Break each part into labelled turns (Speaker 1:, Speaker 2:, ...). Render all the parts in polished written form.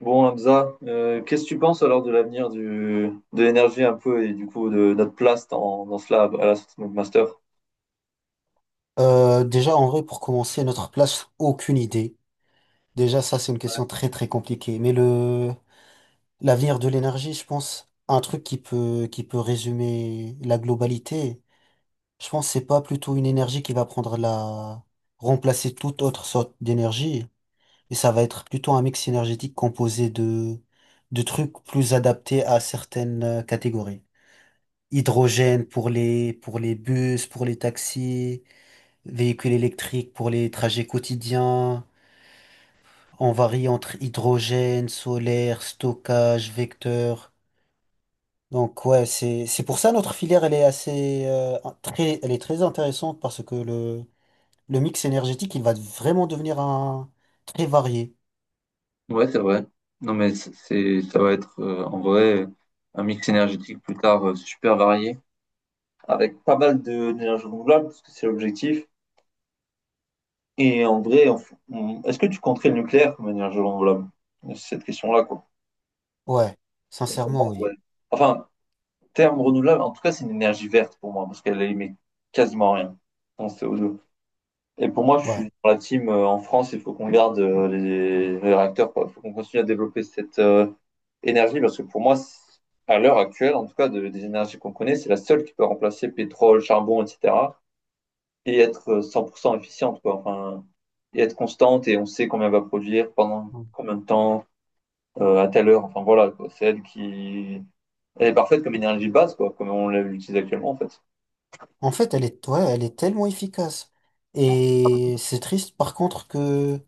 Speaker 1: Bon, Hamza, qu'est-ce que tu penses alors de l'avenir de l'énergie un peu et du coup de notre place dans cela à la sortie de notre master?
Speaker 2: Déjà, en vrai, pour commencer, notre place, aucune idée. Déjà, ça, c'est une question très, très compliquée. L'avenir de l'énergie, je pense, un truc qui peut résumer la globalité, je pense, c'est pas plutôt une énergie qui remplacer toute autre sorte d'énergie. Et ça va être plutôt un mix énergétique de trucs plus adaptés à certaines catégories. Hydrogène pour les bus, pour les taxis. Véhicules électriques pour les trajets quotidiens. On varie entre hydrogène, solaire, stockage, vecteur. Donc ouais, c'est pour ça notre filière elle est assez très elle est très intéressante parce que le mix énergétique il va vraiment devenir un très varié.
Speaker 1: Ouais, c'est vrai. Non, mais ça va être en vrai un mix énergétique plus tard super varié. Avec pas mal d'énergie renouvelable, parce que c'est l'objectif. Et en vrai, est-ce que tu compterais le nucléaire comme énergie renouvelable? C'est cette question-là, quoi.
Speaker 2: Ouais,
Speaker 1: Et pour moi,
Speaker 2: sincèrement
Speaker 1: ouais.
Speaker 2: oui.
Speaker 1: Enfin, terme renouvelable, en tout cas, c'est une énergie verte pour moi, parce qu'elle émet quasiment rien en CO2. Et pour moi, je suis
Speaker 2: Ouais.
Speaker 1: dans la team, en France, il faut qu'on garde, les réacteurs, quoi. Il faut qu'on continue à développer cette énergie, parce que pour moi, à l'heure actuelle, en tout cas, des énergies qu'on connaît, c'est la seule qui peut remplacer pétrole, charbon, etc. et être 100% efficiente, quoi. Enfin, et être constante, et on sait combien elle va produire, pendant combien de temps, à telle heure. Enfin, voilà, quoi. C'est elle qui... Elle est parfaite comme énergie de base, quoi, comme on l'utilise actuellement, en fait.
Speaker 2: En fait, elle est ouais, elle est tellement efficace et c'est triste par contre que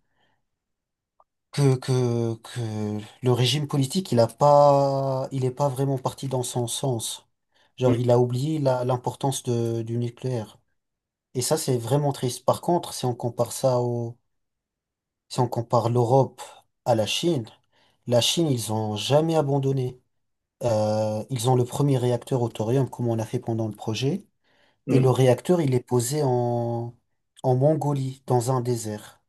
Speaker 2: que, que, que le régime politique, il est pas vraiment parti dans son sens. Genre,
Speaker 1: Mm.
Speaker 2: il a oublié l'importance du nucléaire. Et ça, c'est vraiment triste. Par contre, si on compare ça au, si on compare l'Europe à la Chine. La Chine, ils ont jamais abandonné. Ils ont le premier réacteur au thorium, comme on a fait pendant le projet. Et le
Speaker 1: Mm.
Speaker 2: réacteur, il est posé en, en Mongolie, dans un désert.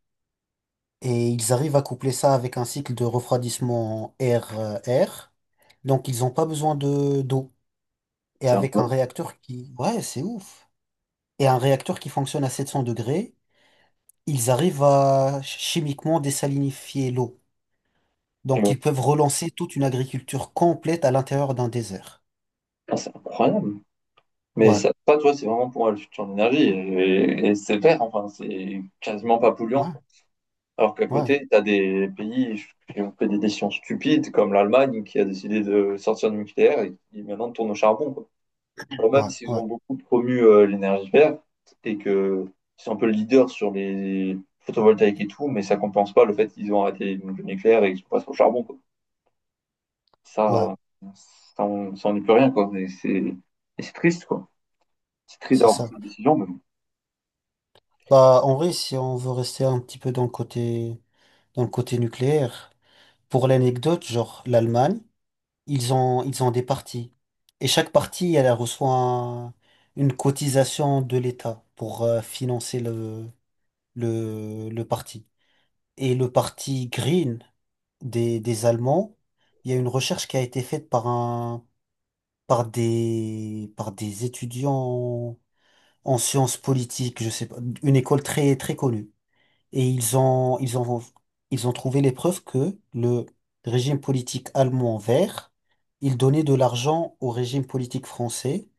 Speaker 2: Et ils arrivent à coupler ça avec un cycle de refroidissement air-air. Donc ils n'ont pas besoin de d'eau. Et
Speaker 1: C'est
Speaker 2: avec un
Speaker 1: incroyable.
Speaker 2: réacteur qui... Ouais, c'est ouf. Et un réacteur qui fonctionne à 700 degrés, ils arrivent à chimiquement désalinifier l'eau.
Speaker 1: Et
Speaker 2: Donc
Speaker 1: ouais.
Speaker 2: ils peuvent relancer toute une agriculture complète à l'intérieur d'un désert.
Speaker 1: Ah, c'est incroyable. Mais
Speaker 2: Ouais,
Speaker 1: ça, tu vois, c'est vraiment pour la future d'énergie. Et c'est vert, enfin, c'est quasiment pas polluant.
Speaker 2: ouais,
Speaker 1: Alors qu'à
Speaker 2: ouais,
Speaker 1: côté, tu as des pays qui ont fait des décisions stupides, comme l'Allemagne, qui a décidé de sortir du nucléaire et qui maintenant tourne au charbon, quoi. Alors
Speaker 2: ouais,
Speaker 1: même s'ils
Speaker 2: ouais,
Speaker 1: ont beaucoup promu l'énergie verte et que ils sont un peu leaders sur les photovoltaïques et tout, mais ça compense pas le fait qu'ils ont arrêté le nucléaire et qu'ils passent au charbon, quoi.
Speaker 2: ouais,
Speaker 1: Ça, ça, on, ça, on n'y peut rien, quoi. Et c'est triste, quoi. C'est triste
Speaker 2: c'est
Speaker 1: d'avoir pris
Speaker 2: ça.
Speaker 1: cette décision, mais bon.
Speaker 2: Bah en vrai, si on veut rester un petit peu dans le côté nucléaire. Pour l'anecdote, genre l'Allemagne, ils ont des partis. Et chaque parti, elle reçoit une cotisation de l'État pour financer le parti. Et le parti Green des Allemands, il y a une recherche qui a été faite par des étudiants en sciences politiques, je sais pas, une école très, très connue. Et ils ont trouvé les preuves que le régime politique allemand vert, il donnait de l'argent au régime politique français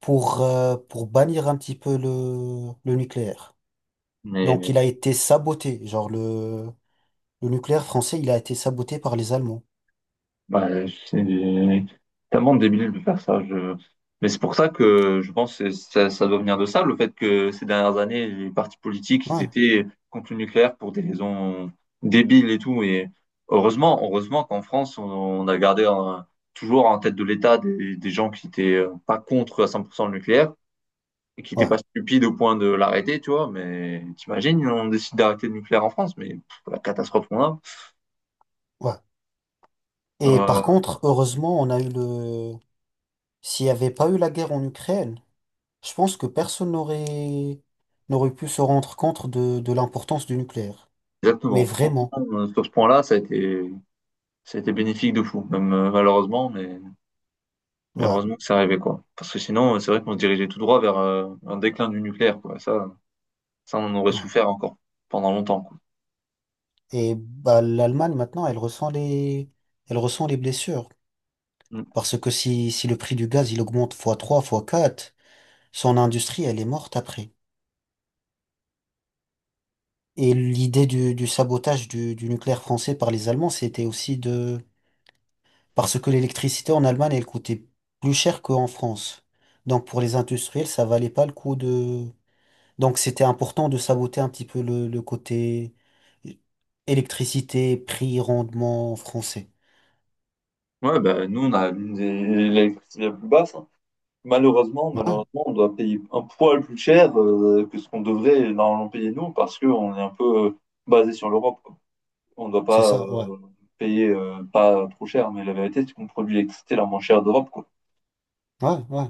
Speaker 2: pour bannir un petit peu le nucléaire. Donc
Speaker 1: Mais
Speaker 2: il a été saboté. Le nucléaire français, il a été saboté par les Allemands.
Speaker 1: Bah, c'est tellement débile de faire ça. Je... Mais c'est pour ça que je pense que ça doit venir de ça, le fait que ces dernières années, les partis politiques, ils
Speaker 2: Ouais,
Speaker 1: étaient contre le nucléaire pour des raisons débiles et tout. Et heureusement, heureusement qu'en France, on a gardé toujours en tête de l'État des gens qui étaient, pas contre à 100% le nucléaire et qui n'étaient
Speaker 2: ouais,
Speaker 1: pas stupides au point de l'arrêter, tu vois. Mais t'imagines, on décide d'arrêter le nucléaire en France, mais pff, la catastrophe qu'on a.
Speaker 2: ouais. Et par
Speaker 1: Euh,
Speaker 2: contre, heureusement, on a eu le... S'il n'y avait pas eu la guerre en Ukraine, je pense que personne n'aurait n'aurait pu se rendre compte de l'importance du nucléaire. Mais
Speaker 1: Exactement. Franchement,
Speaker 2: vraiment,
Speaker 1: sur ce point-là, ça a été bénéfique de fou, même, malheureusement, mais,
Speaker 2: ouais,
Speaker 1: heureusement que ça arrivait, quoi. Parce que sinon, c'est vrai qu'on se dirigeait tout droit vers un déclin du nucléaire, quoi. Ça, on en aurait
Speaker 2: ouais.
Speaker 1: souffert encore pendant longtemps, quoi.
Speaker 2: Et bah, l'Allemagne, maintenant, elle ressent les blessures.
Speaker 1: Mm.
Speaker 2: Parce que si le prix du gaz, il augmente fois 3, fois 4, son industrie, elle est morte après. Et l'idée du sabotage du nucléaire français par les Allemands, c'était aussi de... Parce que l'électricité en Allemagne, elle coûtait plus cher qu'en France. Donc pour les industriels, ça valait pas le coup de... Donc c'était important de saboter un petit peu le côté électricité, prix, rendement français.
Speaker 1: Ouais, bah, nous, on a l'une des électricités la plus basse, hein. Malheureusement,
Speaker 2: Ouais,
Speaker 1: malheureusement, on doit payer un poil plus cher, que ce qu'on devrait normalement payer nous, parce qu'on est un peu, basé sur l'Europe, quoi. On ne doit
Speaker 2: c'est
Speaker 1: pas,
Speaker 2: ça, ouais.
Speaker 1: payer, pas trop cher, mais la vérité, c'est qu'on produit l'électricité la moins chère d'Europe, quoi.
Speaker 2: Ouais, ouais.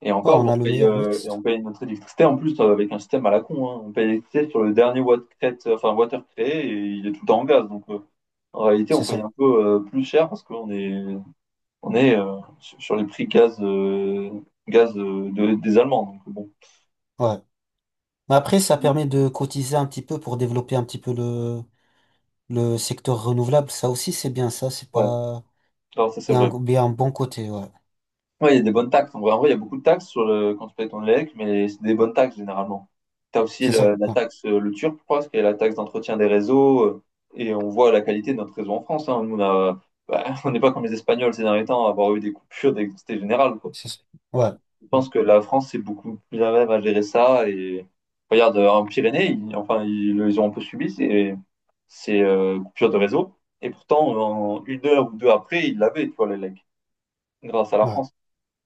Speaker 1: Et
Speaker 2: Ouais,
Speaker 1: encore,
Speaker 2: on
Speaker 1: on
Speaker 2: a le
Speaker 1: paye,
Speaker 2: meilleur
Speaker 1: et on
Speaker 2: mixte.
Speaker 1: paye notre électricité en plus, avec un système à la con, hein. On paye l'électricité sur le dernier watt enfin, water créé et il est tout le temps en gaz. Donc en réalité, on
Speaker 2: C'est
Speaker 1: paye
Speaker 2: ça.
Speaker 1: un peu, plus cher parce qu'on est, sur les prix gaz des Allemands. Donc bon,
Speaker 2: Ouais. Mais après, ça permet de cotiser un petit peu pour développer un petit peu le secteur renouvelable. Ça aussi, c'est bien ça. C'est
Speaker 1: ouais,
Speaker 2: pas.
Speaker 1: alors ça c'est vrai.
Speaker 2: Et un bon côté, ouais.
Speaker 1: Ouais, il y a des bonnes taxes. En vrai, il y a beaucoup de taxes sur le... quand tu payes ton élec, mais c'est des bonnes taxes généralement. Tu as aussi
Speaker 2: C'est ça.
Speaker 1: la
Speaker 2: Ouais.
Speaker 1: taxe, le TURP, je crois, ce qui est la taxe d'entretien des réseaux. Et on voit la qualité de notre réseau en France, hein. Nous, bah, on n'est pas comme les Espagnols ces derniers temps à avoir eu des coupures d'électricité générale, quoi.
Speaker 2: C'est ça. Ouais.
Speaker 1: Je pense que la France, c'est beaucoup plus à même à gérer ça. Et regarde, en Pyrénées, ils, enfin, ils ont un peu subi ces, coupures de réseau. Et pourtant, en une heure ou deux après, ils l'avaient, tu vois, les l'élec, grâce à la
Speaker 2: Ouais.
Speaker 1: France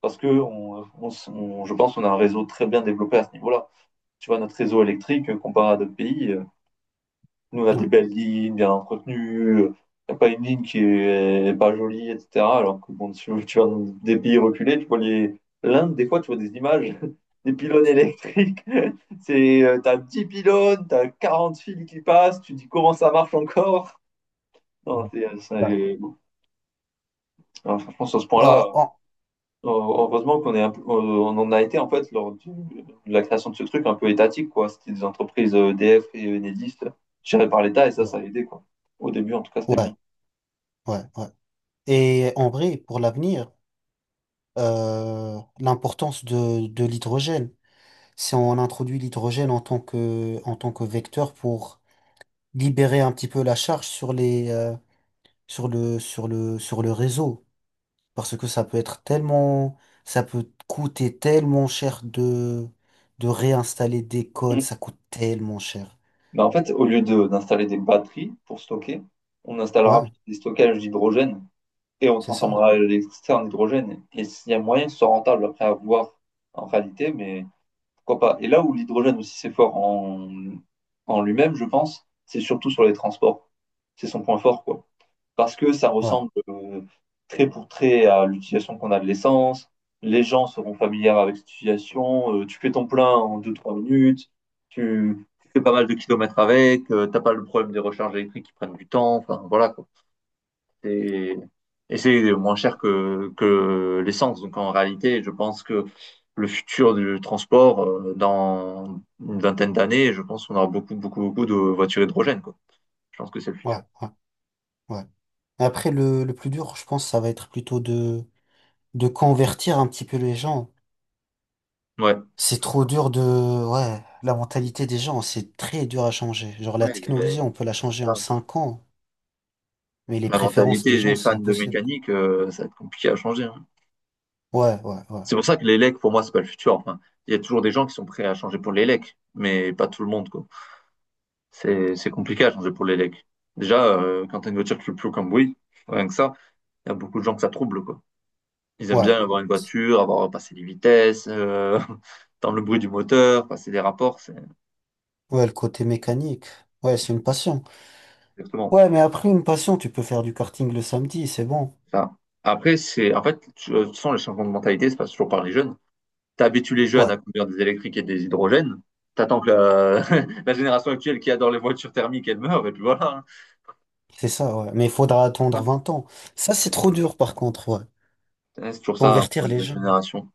Speaker 1: parce que on je pense qu'on a un réseau très bien développé à ce niveau-là. Tu vois, notre réseau électrique, comparé à d'autres pays, nous, on a des
Speaker 2: Ouais.
Speaker 1: belles lignes, bien entretenues, il n'y a pas une ligne qui est pas jolie, etc. Alors que, bon, tu vas dans des pays reculés, tu vois les... l'Inde, des fois, tu vois des images des pylônes électriques. C'est, t'as 10 pylônes, t'as 40 fils qui passent, tu dis comment ça marche encore. Non,
Speaker 2: Ouais. Ouais.
Speaker 1: non, franchement, sur ce point-là,
Speaker 2: Bah, en-
Speaker 1: heureusement qu'on est on en a été en fait lors de la création de ce truc un peu étatique, quoi. C'était des entreprises, EDF et Enedis, gérées par l'État et ça
Speaker 2: ouais.
Speaker 1: a aidé, quoi. Au début, en tout cas, c'était
Speaker 2: Ouais.
Speaker 1: bien.
Speaker 2: Ouais. Ouais. Et en vrai, pour l'avenir, l'importance de l'hydrogène. Si on introduit l'hydrogène en tant que vecteur pour libérer un petit peu la charge sur les sur le réseau, parce que ça peut coûter tellement cher de réinstaller des cônes,
Speaker 1: Mm.
Speaker 2: ça coûte tellement cher.
Speaker 1: Mais en fait, au lieu d'installer des batteries pour stocker, on installera
Speaker 2: Ouais,
Speaker 1: des stockages d'hydrogène et on
Speaker 2: c'est ça,
Speaker 1: transformera l'électricité en hydrogène. Et s'il y a moyen que ce soit rentable après à voir en réalité, mais pourquoi pas. Et là où l'hydrogène aussi c'est fort en lui-même, je pense, c'est surtout sur les transports. C'est son point fort, quoi. Parce que ça
Speaker 2: ouais,
Speaker 1: ressemble trait pour trait à l'utilisation qu'on a de l'essence. Les gens seront familiers avec cette utilisation. Tu fais ton plein en deux-trois minutes, tu fais pas mal de kilomètres avec, t'as pas le problème des recharges électriques qui prennent du temps. Enfin, voilà, quoi. C'est- Et c'est moins cher que l'essence. Donc en réalité, je pense que le futur du transport, dans une vingtaine d'années, je pense qu'on aura beaucoup, beaucoup, beaucoup de voitures hydrogènes, quoi. Je pense que c'est le
Speaker 2: ouais,
Speaker 1: futur.
Speaker 2: ouais, ouais. Après le plus dur je pense ça va être plutôt de convertir un petit peu les gens.
Speaker 1: Ouais, c'est
Speaker 2: C'est
Speaker 1: toujours ça.
Speaker 2: trop dur de ouais, la mentalité des gens c'est très dur à changer, genre la
Speaker 1: Ouais,
Speaker 2: technologie on peut la changer en
Speaker 1: ça,
Speaker 2: 5 ans, mais les
Speaker 1: la
Speaker 2: préférences des
Speaker 1: mentalité des
Speaker 2: gens c'est
Speaker 1: fans de
Speaker 2: impossible.
Speaker 1: mécanique, ça va être compliqué à changer, hein.
Speaker 2: Ouais, ouais, ouais.
Speaker 1: C'est pour ça que les pour moi, c'est pas le futur. Enfin, il y a toujours des gens qui sont prêts à changer pour les mais pas tout le monde, quoi. C'est compliqué à changer pour les déjà, quand t'as une voiture qui fait plus aucun bruit, rien que ça, il y a beaucoup de gens que ça trouble, quoi. Ils aiment
Speaker 2: Ouais.
Speaker 1: bien avoir une voiture, avoir passé les vitesses, entendre le bruit du moteur, passer des rapports, c'est
Speaker 2: Ouais, le côté mécanique. Ouais, c'est une passion.
Speaker 1: exactement
Speaker 2: Ouais, mais après une passion, tu peux faire du karting le samedi, c'est bon.
Speaker 1: ça. Après, c'est, en fait, de toute façon, les changements de mentalité se passent toujours par les jeunes. Tu habitues les jeunes
Speaker 2: Ouais,
Speaker 1: à conduire des électriques et des hydrogènes. T'attends que la... la génération actuelle qui adore les voitures thermiques, elle meure, et puis voilà,
Speaker 2: c'est ça, ouais. Mais il faudra attendre
Speaker 1: hein.
Speaker 2: 20 ans. Ça, c'est trop dur, par contre, ouais.
Speaker 1: Ouais, c'est toujours ça, hein,
Speaker 2: Convertir les
Speaker 1: la
Speaker 2: gens.
Speaker 1: génération.